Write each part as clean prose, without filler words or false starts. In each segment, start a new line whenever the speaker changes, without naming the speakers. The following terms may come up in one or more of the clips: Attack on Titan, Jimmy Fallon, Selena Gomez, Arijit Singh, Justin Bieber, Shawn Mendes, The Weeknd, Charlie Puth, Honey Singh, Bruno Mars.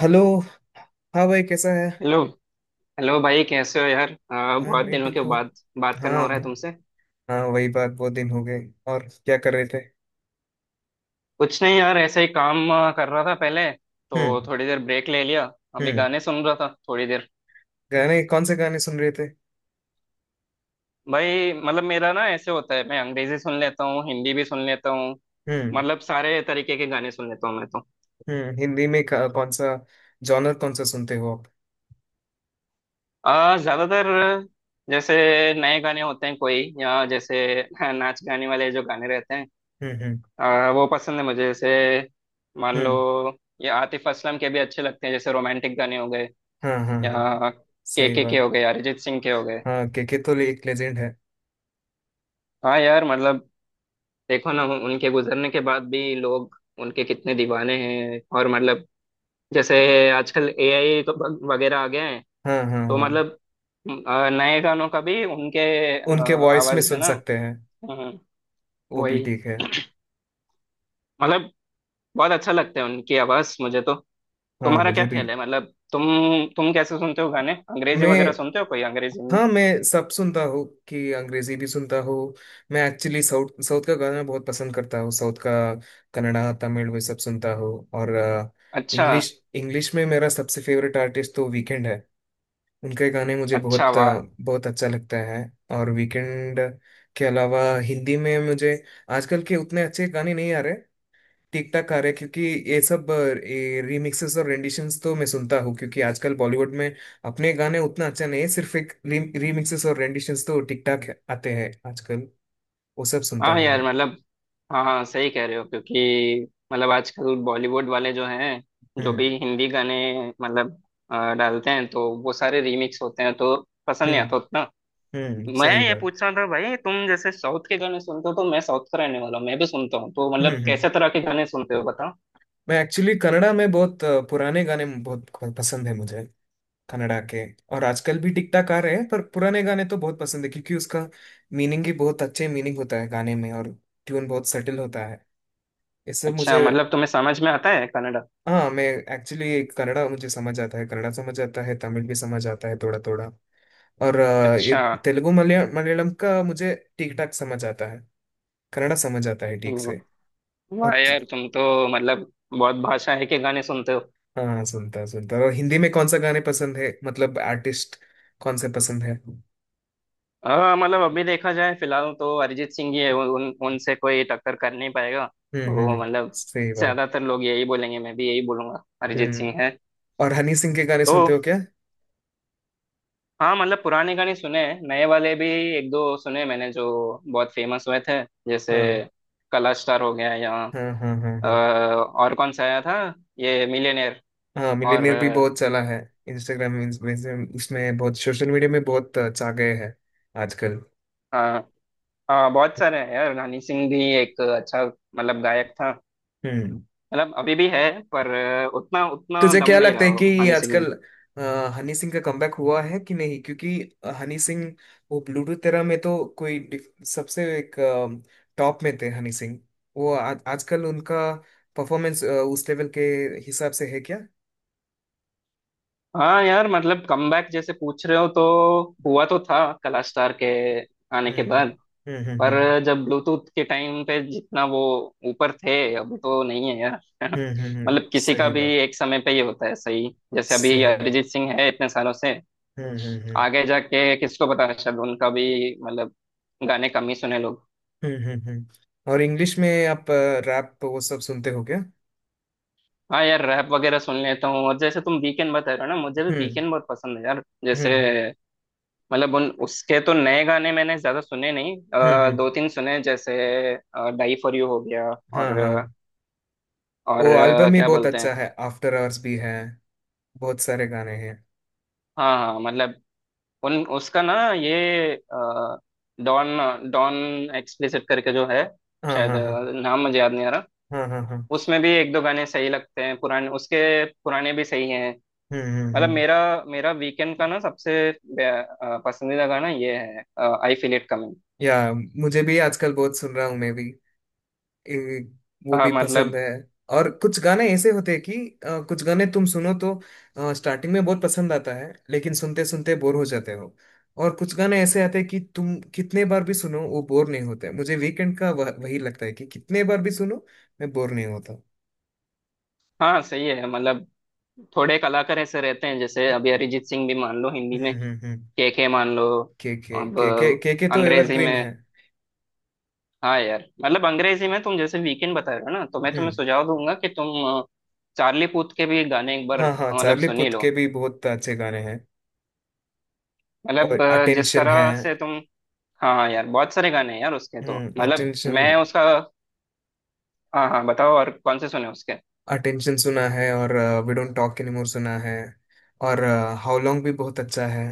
Hello. हाँ भाई, कैसा है?
हेलो। हेलो भाई कैसे हो यार
आई एम
बहुत दिनों
ठीक
के
हूँ।
बाद बात करना
हाँ।
हो रहा है तुमसे।
हाँ, वही बात, बहुत दिन हो गए। और क्या कर रहे थे?
कुछ नहीं यार, ऐसे ही काम कर रहा था पहले, तो
हम्म।
थोड़ी देर ब्रेक ले लिया। अभी
हम्म।
गाने सुन रहा था थोड़ी देर।
गाने कौन से गाने सुन रहे थे?
भाई मतलब मेरा ना ऐसे होता है, मैं अंग्रेजी सुन लेता हूँ, हिंदी भी सुन लेता हूँ।
हम्म।
मतलब सारे तरीके के गाने सुन लेता हूँ मैं तो।
हम्म। हिंदी में कौन सा जॉनर कौन सा सुनते हो आप?
ज्यादातर जैसे नए गाने होते हैं कोई, या जैसे नाच गाने वाले जो गाने रहते हैं,
हम्म। हम्म।
वो पसंद है मुझे। जैसे मान लो,
हम्म।
ये आतिफ असलम के भी अच्छे लगते हैं, जैसे रोमांटिक गाने हो गए,
हाँ हाँ हाँ,
या
सही
के
बात।
हो गए, अरिजीत सिंह के हो गए।
हाँ, केके तो एक लेजेंड है।
हाँ यार मतलब देखो ना, उनके गुजरने के बाद भी लोग उनके कितने दीवाने हैं। और मतलब जैसे आजकल एआई वगैरह आ गए हैं।
हाँ हाँ
तो
हाँ,
मतलब नए गानों का भी उनके आ,
उनके वॉइस में
आवाज में
सुन
ना।
सकते हैं।
हम्म,
वो भी
वही
ठीक है।
मतलब बहुत अच्छा लगता है उनकी आवाज मुझे तो।
हाँ,
तुम्हारा क्या
मुझे भी।
ख्याल है? मतलब तुम कैसे सुनते हो गाने? अंग्रेजी वगैरह
मैं,
सुनते हो कोई, अंग्रेजी में?
हाँ मैं सब सुनता हूँ कि अंग्रेजी भी सुनता हूँ। मैं एक्चुअली साउथ साउथ का गाना बहुत पसंद करता हूँ, साउथ का। कन्नड़ा, तमिल वे सब सुनता हूँ। और
अच्छा।
इंग्लिश, इंग्लिश में मेरा सबसे फेवरेट आर्टिस्ट तो वीकेंड है। उनके गाने मुझे
अच्छा
बहुत
वाह।
बहुत अच्छा लगता है। और वीकेंड के अलावा हिंदी में मुझे आजकल के उतने अच्छे गाने नहीं आ रहे। ठीक ठाक आ रहे हैं, क्योंकि ये सब रीमिक्सेस और रेंडिशंस तो मैं सुनता हूँ, क्योंकि आजकल बॉलीवुड में अपने गाने उतना अच्छा नहीं है, सिर्फ एक रीमिक्सेस और रेंडिशंस तो ठीक ठाक आते हैं आजकल। वो सब सुनता
हाँ
हूँ
यार
मैं।
मतलब, हाँ हाँ सही कह रहे हो, क्योंकि मतलब आजकल बॉलीवुड वाले जो हैं, जो
हम्म।
भी हिंदी गाने मतलब डालते हैं तो वो सारे रीमिक्स होते हैं, तो पसंद नहीं
हम्म।
आता उतना।
हम्म,
मैं
सही
ये
बात।
पूछ रहा था भाई, तुम जैसे साउथ के गाने सुनते हो, तो मैं साउथ का रहने वाला हूँ, मैं भी सुनता हूँ, तो
हम्म।
मतलब कैसे
हम्म।
तरह के गाने सुनते हो बताओ।
मैं एक्चुअली कन्नड़ा में बहुत पुराने गाने बहुत पसंद है मुझे। कन्नड़ा के। और आजकल भी टिक टाक आ रहे हैं, पर पुराने गाने तो बहुत पसंद है, क्योंकि उसका मीनिंग भी बहुत अच्छे मीनिंग होता है गाने में, और ट्यून बहुत सटल होता है। ये सब
अच्छा
मुझे।
मतलब तुम्हें समझ में आता है कन्नड़ा?
हाँ, मैं एक्चुअली कन्नड़ा, मुझे समझ आता है, कन्नड़ा समझ आता है, तमिल भी समझ आता है थोड़ा थोड़ा। और ये
अच्छा।
तेलुगु, मलयालम का मुझे ठीक ठाक समझ आता है। कन्नड़ा समझ आता है ठीक
हम्म।
से। और
वाह यार, तुम तो मतलब बहुत भाषाएं के गाने सुनते हो।
हाँ, सुनता सुनता। और हिंदी में कौन सा गाने पसंद है, मतलब आर्टिस्ट कौन से पसंद है?
हाँ मतलब अभी देखा जाए फिलहाल तो अरिजीत सिंह ही है,
हम्म।
उन उन- उनसे कोई टक्कर कर नहीं पाएगा।
हम्म।
तो मतलब
सही बात।
ज्यादातर लोग यही बोलेंगे, मैं भी यही बोलूंगा, अरिजीत
हम्म।
सिंह है।
और हनी सिंह के गाने
तो
सुनते हो क्या?
हाँ मतलब पुराने गाने सुने हैं, नए वाले भी एक दो सुने मैंने, जो बहुत फेमस हुए थे। जैसे
हाँ
कला स्टार हो गया, या
हाँ हाँ हाँ। हाँ
और कौन सा आया था, ये मिलियनेयर।
हाँ,
और
मिलीनियर भी बहुत चला है। इंस्टाग्राम, उसमें बहुत, सोशल मीडिया में बहुत छा गए हैं आजकल।
हाँ हाँ, बहुत सारे हैं यार। हनी सिंह भी एक अच्छा मतलब गायक था,
हम्म।
मतलब अभी भी है, पर उतना
तो
उतना
तुझे
दम
क्या
नहीं
लगता
रहा
है कि
हनी सिंह में।
आजकल अ, हनी सिंह का कमबैक हुआ है कि नहीं? क्योंकि हनी सिंह, वो ब्लूटूथ तेरा में तो कोई सबसे एक टॉप में थे हनी सिंह। वो आजकल उनका परफॉर्मेंस उस लेवल के हिसाब से है क्या?
हाँ यार मतलब कमबैक जैसे पूछ रहे हो तो हुआ तो था, कला स्टार के आने
हम्म
के
हम्म
बाद।
हम्म।
पर जब ब्लूटूथ के टाइम पे जितना वो ऊपर थे, अभी तो नहीं है यार
हम्म।
मतलब किसी का
सही
भी
बात।
एक समय पे ही होता है सही। जैसे अभी
सही बात।
अरिजीत सिंह है इतने सालों से,
हम्म।
आगे जाके किसको पता, शायद उनका भी मतलब गाने कम ही सुने लोग।
हम्म। और इंग्लिश में आप रैप वो सब सुनते हो क्या?
हाँ यार रैप वगैरह सुन लेता हूँ, और जैसे तुम वीकेंड बता रहे हो ना, मुझे भी
हम्म।
वीकेंड बहुत पसंद है यार। जैसे
हम्म।
मतलब उन उसके तो नए गाने मैंने ज्यादा सुने नहीं,
हम्म। हम्म।
दो तीन सुने जैसे डाई फॉर यू हो गया,
हाँ
और
हाँ।
और
वो एल्बम ही
क्या
बहुत
बोलते
अच्छा
हैं।
है, आफ्टर आवर्स भी है, बहुत सारे गाने हैं।
हाँ हाँ मतलब उन उसका ना ये डॉन डॉन एक्सप्लिसिट करके जो है,
हाँ
शायद
हाँ हाँ।
नाम मुझे याद नहीं आ रहा।
हाँ हाँ हाँ।
उसमें भी एक दो गाने सही लगते हैं पुराने उसके, पुराने भी सही हैं। मतलब
हम्म।
मेरा मेरा वीकेंड का ना सबसे बे- पसंदीदा गाना ये है, आई फील इट कमिंग।
या, मुझे भी आजकल बहुत सुन रहा हूँ मैं भी। ए, वो भी
मतलब
पसंद है। और कुछ गाने ऐसे होते हैं कि कुछ गाने तुम सुनो तो स्टार्टिंग में बहुत पसंद आता है, लेकिन सुनते सुनते बोर हो जाते हो। और कुछ गाने ऐसे आते हैं कि तुम कितने बार भी सुनो वो बोर नहीं होते। मुझे वीकेंड का वही लगता है कि कितने बार भी सुनो मैं बोर नहीं होता।
हाँ सही है। मतलब थोड़े कलाकार ऐसे रहते हैं, जैसे अभी
हम्म
अरिजीत सिंह भी मान लो हिंदी में,
हम्म।
के मान लो।
के,
अब
के तो
अंग्रेजी
एवरग्रीन
में
है।
हाँ यार मतलब अंग्रेजी में तुम जैसे वीकेंड बता रहे हो ना, तो मैं तुम्हें
हम्म।
सुझाव दूंगा कि तुम अ, चार्ली पूथ के भी गाने एक बार
हाँ हाँ,
मतलब
चार्ली
सुन ही
पुथ
लो।
के भी बहुत अच्छे गाने हैं।
मतलब
और
जिस
अटेंशन है।
तरह से तुम हाँ हाँ यार, बहुत सारे गाने हैं यार उसके तो,
हम्म,
मतलब
अटेंशन।
मैं उसका। हाँ हाँ बताओ, और कौन से सुने उसके।
अटेंशन सुना है, और वी डोंट टॉक एनीमोर सुना है। और हाउ लॉन्ग भी बहुत अच्छा है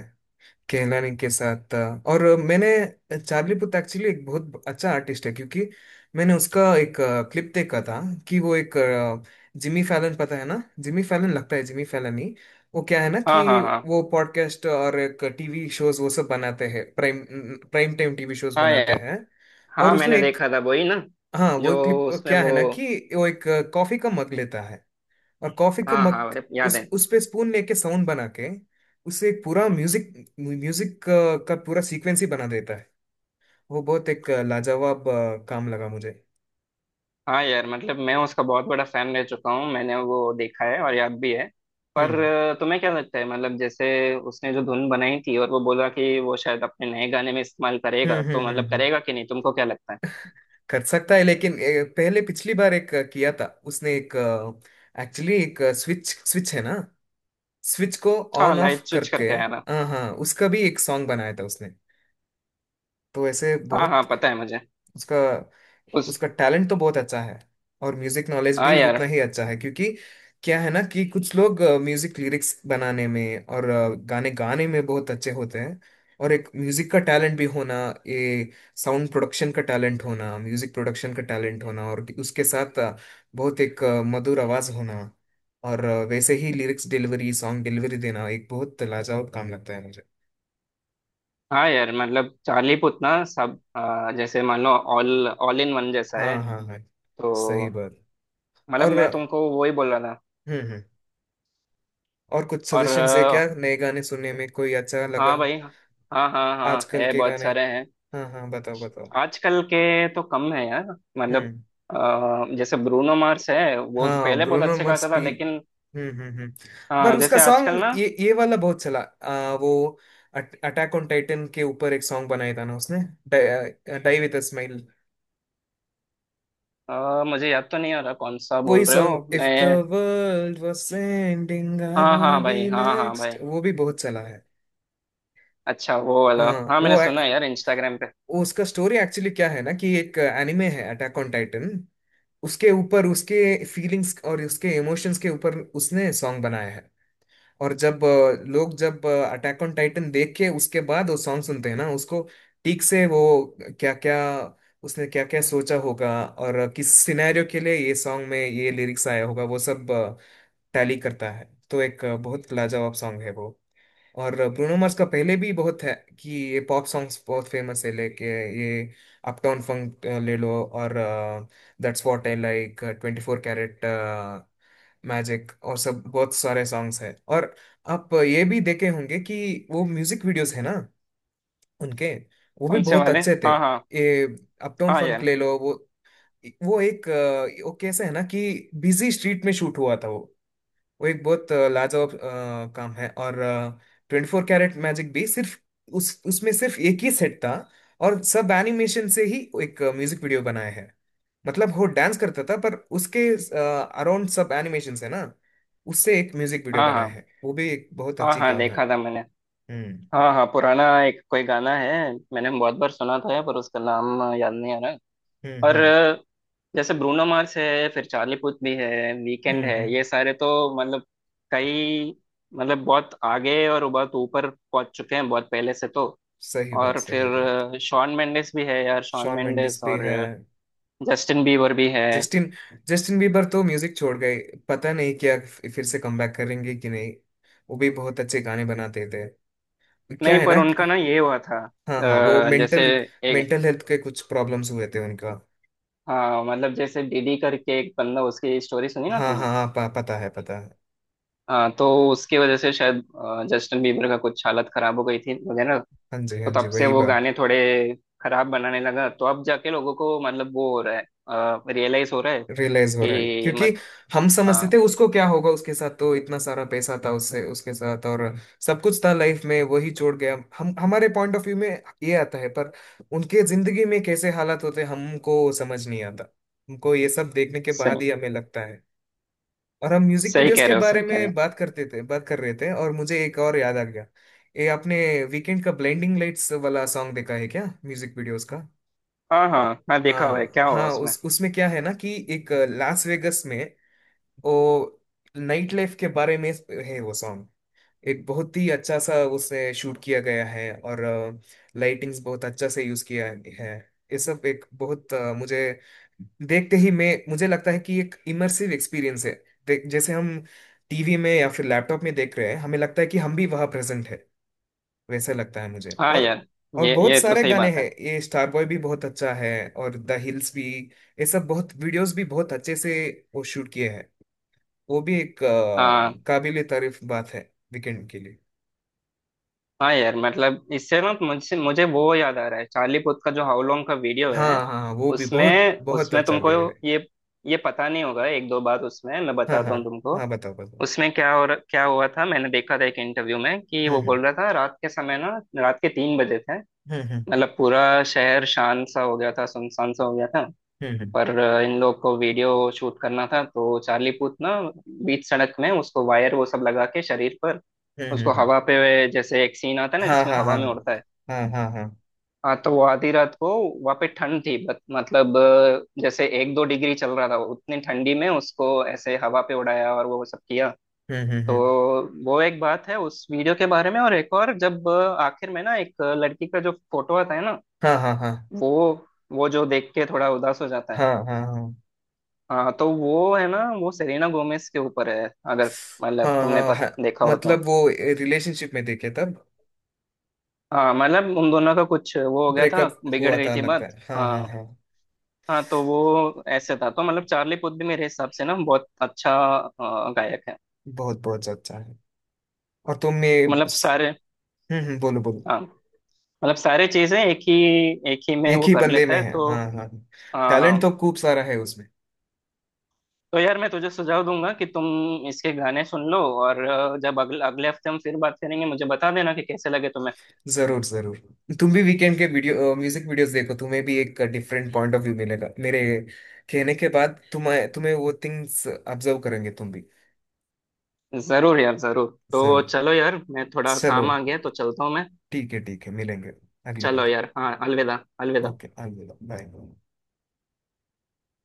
केहलानी के साथ। और मैंने चार्ली पुथ एक्चुअली एक बहुत अच्छा आर्टिस्ट है, क्योंकि मैंने उसका एक क्लिप देखा था कि वो एक जिमी फैलन, पता है ना जिमी फैलन, लगता है जिमी फैलन ही। वो क्या है ना कि
हाँ हाँ हाँ
वो पॉडकास्ट और एक टीवी शोज वो सब बनाते हैं। Prime, prime time TV shows
हाँ
बनाते
यार।
हैं। और
हाँ
उसमें
मैंने
एक,
देखा था वही ना,
हाँ वो
जो
एक क्लिप
उसमें
क्या है
वो
ना कि वो एक कॉफी का मग लेता है, और कॉफी का
हाँ
मग
हाँ अरे याद है।
उस पे स्पून लेके साउंड बना के, उससे एक पूरा म्यूजिक, म्यूजिक का पूरा सीक्वेंस ही बना देता है। वो बहुत एक लाजवाब काम लगा मुझे।
हाँ यार मतलब मैं उसका बहुत बड़ा फैन रह चुका हूँ, मैंने वो देखा है और याद भी है। पर
हम्म
तुम्हें क्या लगता है, मतलब जैसे उसने जो धुन बनाई थी और वो बोला कि वो शायद अपने नए गाने में इस्तेमाल करेगा,
हम्म
तो
हम्म हम्म
मतलब
हम्म।
करेगा कि नहीं तुमको क्या लगता है?
कर सकता है, लेकिन पहले पिछली बार एक किया था उसने एक, एक्चुअली एक स्विच, स्विच है ना, स्विच को
हाँ
ऑन
लाइट
ऑफ
स्विच
करके।
करके आया था।
हाँ हाँ, उसका भी एक सॉन्ग बनाया था उसने, तो ऐसे
हाँ हाँ
बहुत
पता है मुझे
उसका।
उस
उसका टैलेंट तो बहुत अच्छा है, और म्यूजिक नॉलेज
हाँ
भी उतना
यार।
ही अच्छा है, क्योंकि क्या है ना कि कुछ लोग म्यूजिक लिरिक्स बनाने में और गाने गाने में बहुत अच्छे होते हैं। और एक म्यूजिक का टैलेंट भी होना, ये साउंड प्रोडक्शन का टैलेंट होना, म्यूजिक प्रोडक्शन का टैलेंट होना, और उसके साथ बहुत एक मधुर आवाज होना, और वैसे ही लिरिक्स डिलीवरी, सॉन्ग डिलीवरी देना एक बहुत लाजवाब काम लगता है मुझे।
हाँ यार मतलब चालीपुतना सब जैसे मान लो ऑल ऑल इन वन जैसा है
हाँ हाँ हाँ,
तो
सही बात।
मतलब
और
मैं तुमको वो ही बोल रहा था।
हम्म। हम्म, और कुछ
और
सजेशन है क्या, नए गाने सुनने में कोई अच्छा
हाँ
लगा
भाई हाँ हाँ हाँ,
आजकल
है
के
बहुत
गाने?
सारे हैं।
हाँ हाँ, बताओ बताओ।
आजकल के तो कम है यार। मतलब
हम्म।
जैसे ब्रूनो मार्स है, वो
हाँ,
पहले बहुत
ब्रूनो
अच्छे गाता
मार्स
था
भी।
लेकिन
हम्म। पर
हाँ
उसका
जैसे आजकल
सॉन्ग
ना
ये वाला बहुत चला, वो अटैक ऑन टाइटन के ऊपर एक सॉन्ग बनाया था ना उसने, डाई विद अ स्माइल।
मुझे याद तो नहीं आ रहा कौन सा
वही
बोल रहे हो
सॉन्ग इफ द
मैं।
वर्ल्ड वाज एंडिंग आई
हाँ
वाना
हाँ
बी
भाई, हाँ हाँ
नेक्स्ट,
भाई।
वो भी बहुत चला है।
अच्छा वो वाला,
हाँ।
हाँ मैंने
वो
सुना है यार इंस्टाग्राम पे।
वो उसका स्टोरी एक्चुअली क्या है ना कि एक एनिमे है अटैक ऑन टाइटन, उसके ऊपर उसके फीलिंग्स और उसके इमोशंस के ऊपर उसने सॉन्ग बनाया है। और जब लोग जब अटैक ऑन टाइटन देख के उसके बाद वो सॉन्ग सुनते हैं ना उसको, ठीक से वो क्या क्या, उसने क्या क्या सोचा होगा और किस सिनेरियो के लिए ये सॉन्ग में ये लिरिक्स आया होगा, वो सब टैली करता है। तो एक बहुत लाजवाब सॉन्ग है वो। और ब्रूनो मार्स का पहले भी बहुत है कि ये पॉप सॉन्ग्स बहुत फेमस है लेके, ये अपटाउन फंक ले लो, और that's what I like, twenty four carat magic, और सब बहुत सारे सॉन्ग्स हैं। और आप ये भी देखे होंगे कि वो म्यूजिक वीडियोस है ना उनके, वो भी
कौन से
बहुत
वाले?
अच्छे थे।
हाँ हाँ
ये अपटाउन
हाँ
फंक
यार।
ले लो, वो एक वो कैसे है ना कि बिजी स्ट्रीट में शूट हुआ था वो। वो एक बहुत लाजवाब काम है। और ट्वेंटी फोर कैरेट मैजिक भी, सिर्फ उस उसमें सिर्फ एक ही सेट था, और सब एनिमेशन से ही एक म्यूजिक वीडियो बनाया है। मतलब वो डांस करता था, पर उसके अराउंड सब एनिमेशन है ना, उससे एक म्यूजिक वीडियो
हाँ
बनाया
हाँ
है। वो भी एक बहुत
हाँ
अच्छी
हाँ
काम है।
देखा था मैंने।
हम्म
हाँ हाँ पुराना एक कोई गाना है, मैंने बहुत बार सुना तो है पर उसका नाम याद नहीं आ रहा। और
हम्म।
जैसे ब्रूनो मार्स है, फिर चार्ली पुथ भी है, वीकेंड है,
हम्म,
ये सारे तो मतलब कई मतलब बहुत आगे और बहुत ऊपर पहुंच चुके हैं बहुत पहले से तो।
सही बात।
और फिर
सही बात।
शॉन मेंडेस भी है यार, शॉन
शॉन
मेंडेस
मेंडिस भी
और
है।
जस्टिन बीबर भी है।
जस्टिन, जस्टिन बीबर तो म्यूजिक छोड़ गए। पता नहीं क्या, फिर से कमबैक करेंगे कि नहीं, वो भी बहुत अच्छे गाने बनाते थे। क्या
नहीं
है ना
पर उनका
कि-
ना ये हुआ था
हाँ हाँ, वो
जैसे
मेंटल,
एक
मेंटल हेल्थ के कुछ प्रॉब्लम्स हुए थे उनका।
हाँ मतलब जैसे डीडी करके एक बंदा, उसकी स्टोरी सुनी ना
हाँ
तुमने।
हाँ हाँ, पता है पता है।
हाँ तो उसकी वजह से शायद जस्टिन बीबर का कुछ हालत खराब हो गई थी वगैरह।
हाँ जी, हाँ
तो
जी,
तब से
वही
वो
बात।
गाने थोड़े खराब बनाने लगा, तो अब जाके लोगों को मतलब वो हो रहा है, रियलाइज हो रहा है
रियलाइज हो रहा है,
कि
क्योंकि
मत
हम समझते थे
हाँ
उसको क्या होगा, उसके साथ तो इतना सारा पैसा था, उससे उसके साथ और सब कुछ था लाइफ में, वही छोड़ गया। हम हमारे पॉइंट ऑफ व्यू में ये आता है, पर उनके जिंदगी में कैसे हालात होते हैं, हमको समझ नहीं आता। हमको ये सब देखने के बाद
सही।
ही हमें लगता है। और हम म्यूजिक
सही
वीडियोस
कह
के
रहे हो,
बारे
सही कह रहे
में
हो।
बात करते थे, बात कर रहे थे, और मुझे एक और याद आ गया। ये आपने वीकेंड का ब्लेंडिंग लाइट्स वाला सॉन्ग देखा है क्या, म्यूजिक वीडियोस का?
हाँ हाँ हाँ देखा हुआ है,
हाँ
क्या हुआ
हाँ,
उसमें?
उस उसमें क्या है ना कि एक लास वेगस में वो नाइट लाइफ के बारे में है वो सॉन्ग। एक बहुत ही अच्छा सा उसे शूट किया गया है, और लाइटिंग्स बहुत अच्छा से यूज किया है। ये सब एक बहुत मुझे देखते ही मैं, मुझे लगता है कि एक इमर्सिव एक्सपीरियंस है। जैसे हम टीवी में या फिर लैपटॉप में देख रहे हैं, हमें लगता है कि हम भी वहां प्रेजेंट है, वैसा लगता है मुझे।
हाँ
और
यार
और बहुत
ये तो
सारे
सही
गाने
बात
हैं,
है।
ये स्टार बॉय भी बहुत अच्छा है, और द हिल्स भी। ये सब बहुत वीडियोस भी बहुत अच्छे से वो शूट किए हैं। वो भी एक
हाँ
काबिले तारीफ बात है वीकेंड के लिए।
हाँ यार मतलब इससे ना मुझसे मुझे वो याद आ रहा है चार्ली पुथ का जो हाउ लॉन्ग का वीडियो
हाँ
है।
हाँ हाँ, वो भी बहुत
उसमें
बहुत
उसमें
अच्छा
तुमको
वीडियो है।
ये ये पता नहीं होगा, एक दो बात उसमें मैं
हाँ
बताता
हाँ,
हूँ तुमको।
हाँ बताओ बताओ।
उसमें क्या हुआ था, मैंने देखा था एक इंटरव्यू में कि वो
हम्म
बोल रहा था रात के समय ना, रात के तीन बजे थे।
हम्म।
मतलब पूरा शहर शांत सा हो गया था, सुनसान सा हो गया था।
हम्म हम्म
पर इन लोग को वीडियो शूट करना था, तो चार्ली पूथ ना बीच सड़क में उसको वायर वो सब लगा के शरीर पर,
हम्म।
उसको हवा पे जैसे एक सीन आता है ना
हाँ
जिसमें
हाँ
हवा
हाँ।
में उड़ता है।
हाँ हाँ हाँ।
हाँ तो वो आधी रात को वहाँ पे ठंड थी, मतलब जैसे एक दो डिग्री चल रहा था, उतनी ठंडी में उसको ऐसे हवा पे उड़ाया और वो सब किया। तो
हम्म।
वो एक बात है उस वीडियो के बारे में। और एक और, जब आखिर में ना एक लड़की का जो फोटो आता है ना,
हाँ हाँ हाँ।
वो वो जो देख के थोड़ा उदास हो जाता है।
हाँ हाँ हाँ।
हाँ तो वो है ना, वो सेलेना गोमेज के ऊपर है, अगर
हाँ
मतलब तुमने
हाँ हाँ
देखा हो तो।
मतलब वो रिलेशनशिप में देखे तब।
हाँ मतलब उन दोनों का कुछ वो हो गया था,
ब्रेकअप
बिगड़
हुआ
गई
था
थी
लगता
बात।
है, हाँ हाँ
हाँ
हाँ।
हाँ तो वो ऐसे था। तो मतलब चार्ली पुथ भी मेरे हिसाब से ना बहुत अच्छा गायक है।
बहुत बहुत अच्छा है। और तुमने,
मतलब सारे
हम्म। हम्म, बोलो बोलो।
हाँ मतलब सारे चीजें एक ही में
एक
वो
ही
कर
बंदे
लेता
में
है
है,
तो
हाँ हाँ हाँ।
हाँ
टैलेंट
हाँ।
तो खूब सारा है उसमें।
तो यार मैं तुझे सुझाव दूंगा कि तुम इसके गाने सुन लो, और जब अगले अगले हफ्ते हम फिर बात करेंगे मुझे बता देना कि कैसे लगे तुम्हें।
जरूर, जरूर। तुम भी वीकेंड के वीडियो, म्यूजिक वीडियोस देखो, तुम्हें भी एक डिफरेंट पॉइंट ऑफ व्यू मिलेगा। मेरे कहने के बाद तुम्हें तुम्हें वो थिंग्स ऑब्जर्व करेंगे तुम भी।
जरूर यार जरूर। तो
जरूर।
चलो यार, मैं थोड़ा
चलो,
काम आ गया तो चलता हूँ मैं।
ठीक है, ठीक है, मिलेंगे अगली
चलो
बार।
यार, हाँ अलविदा अलविदा।
ओके, अलविदा, बाय।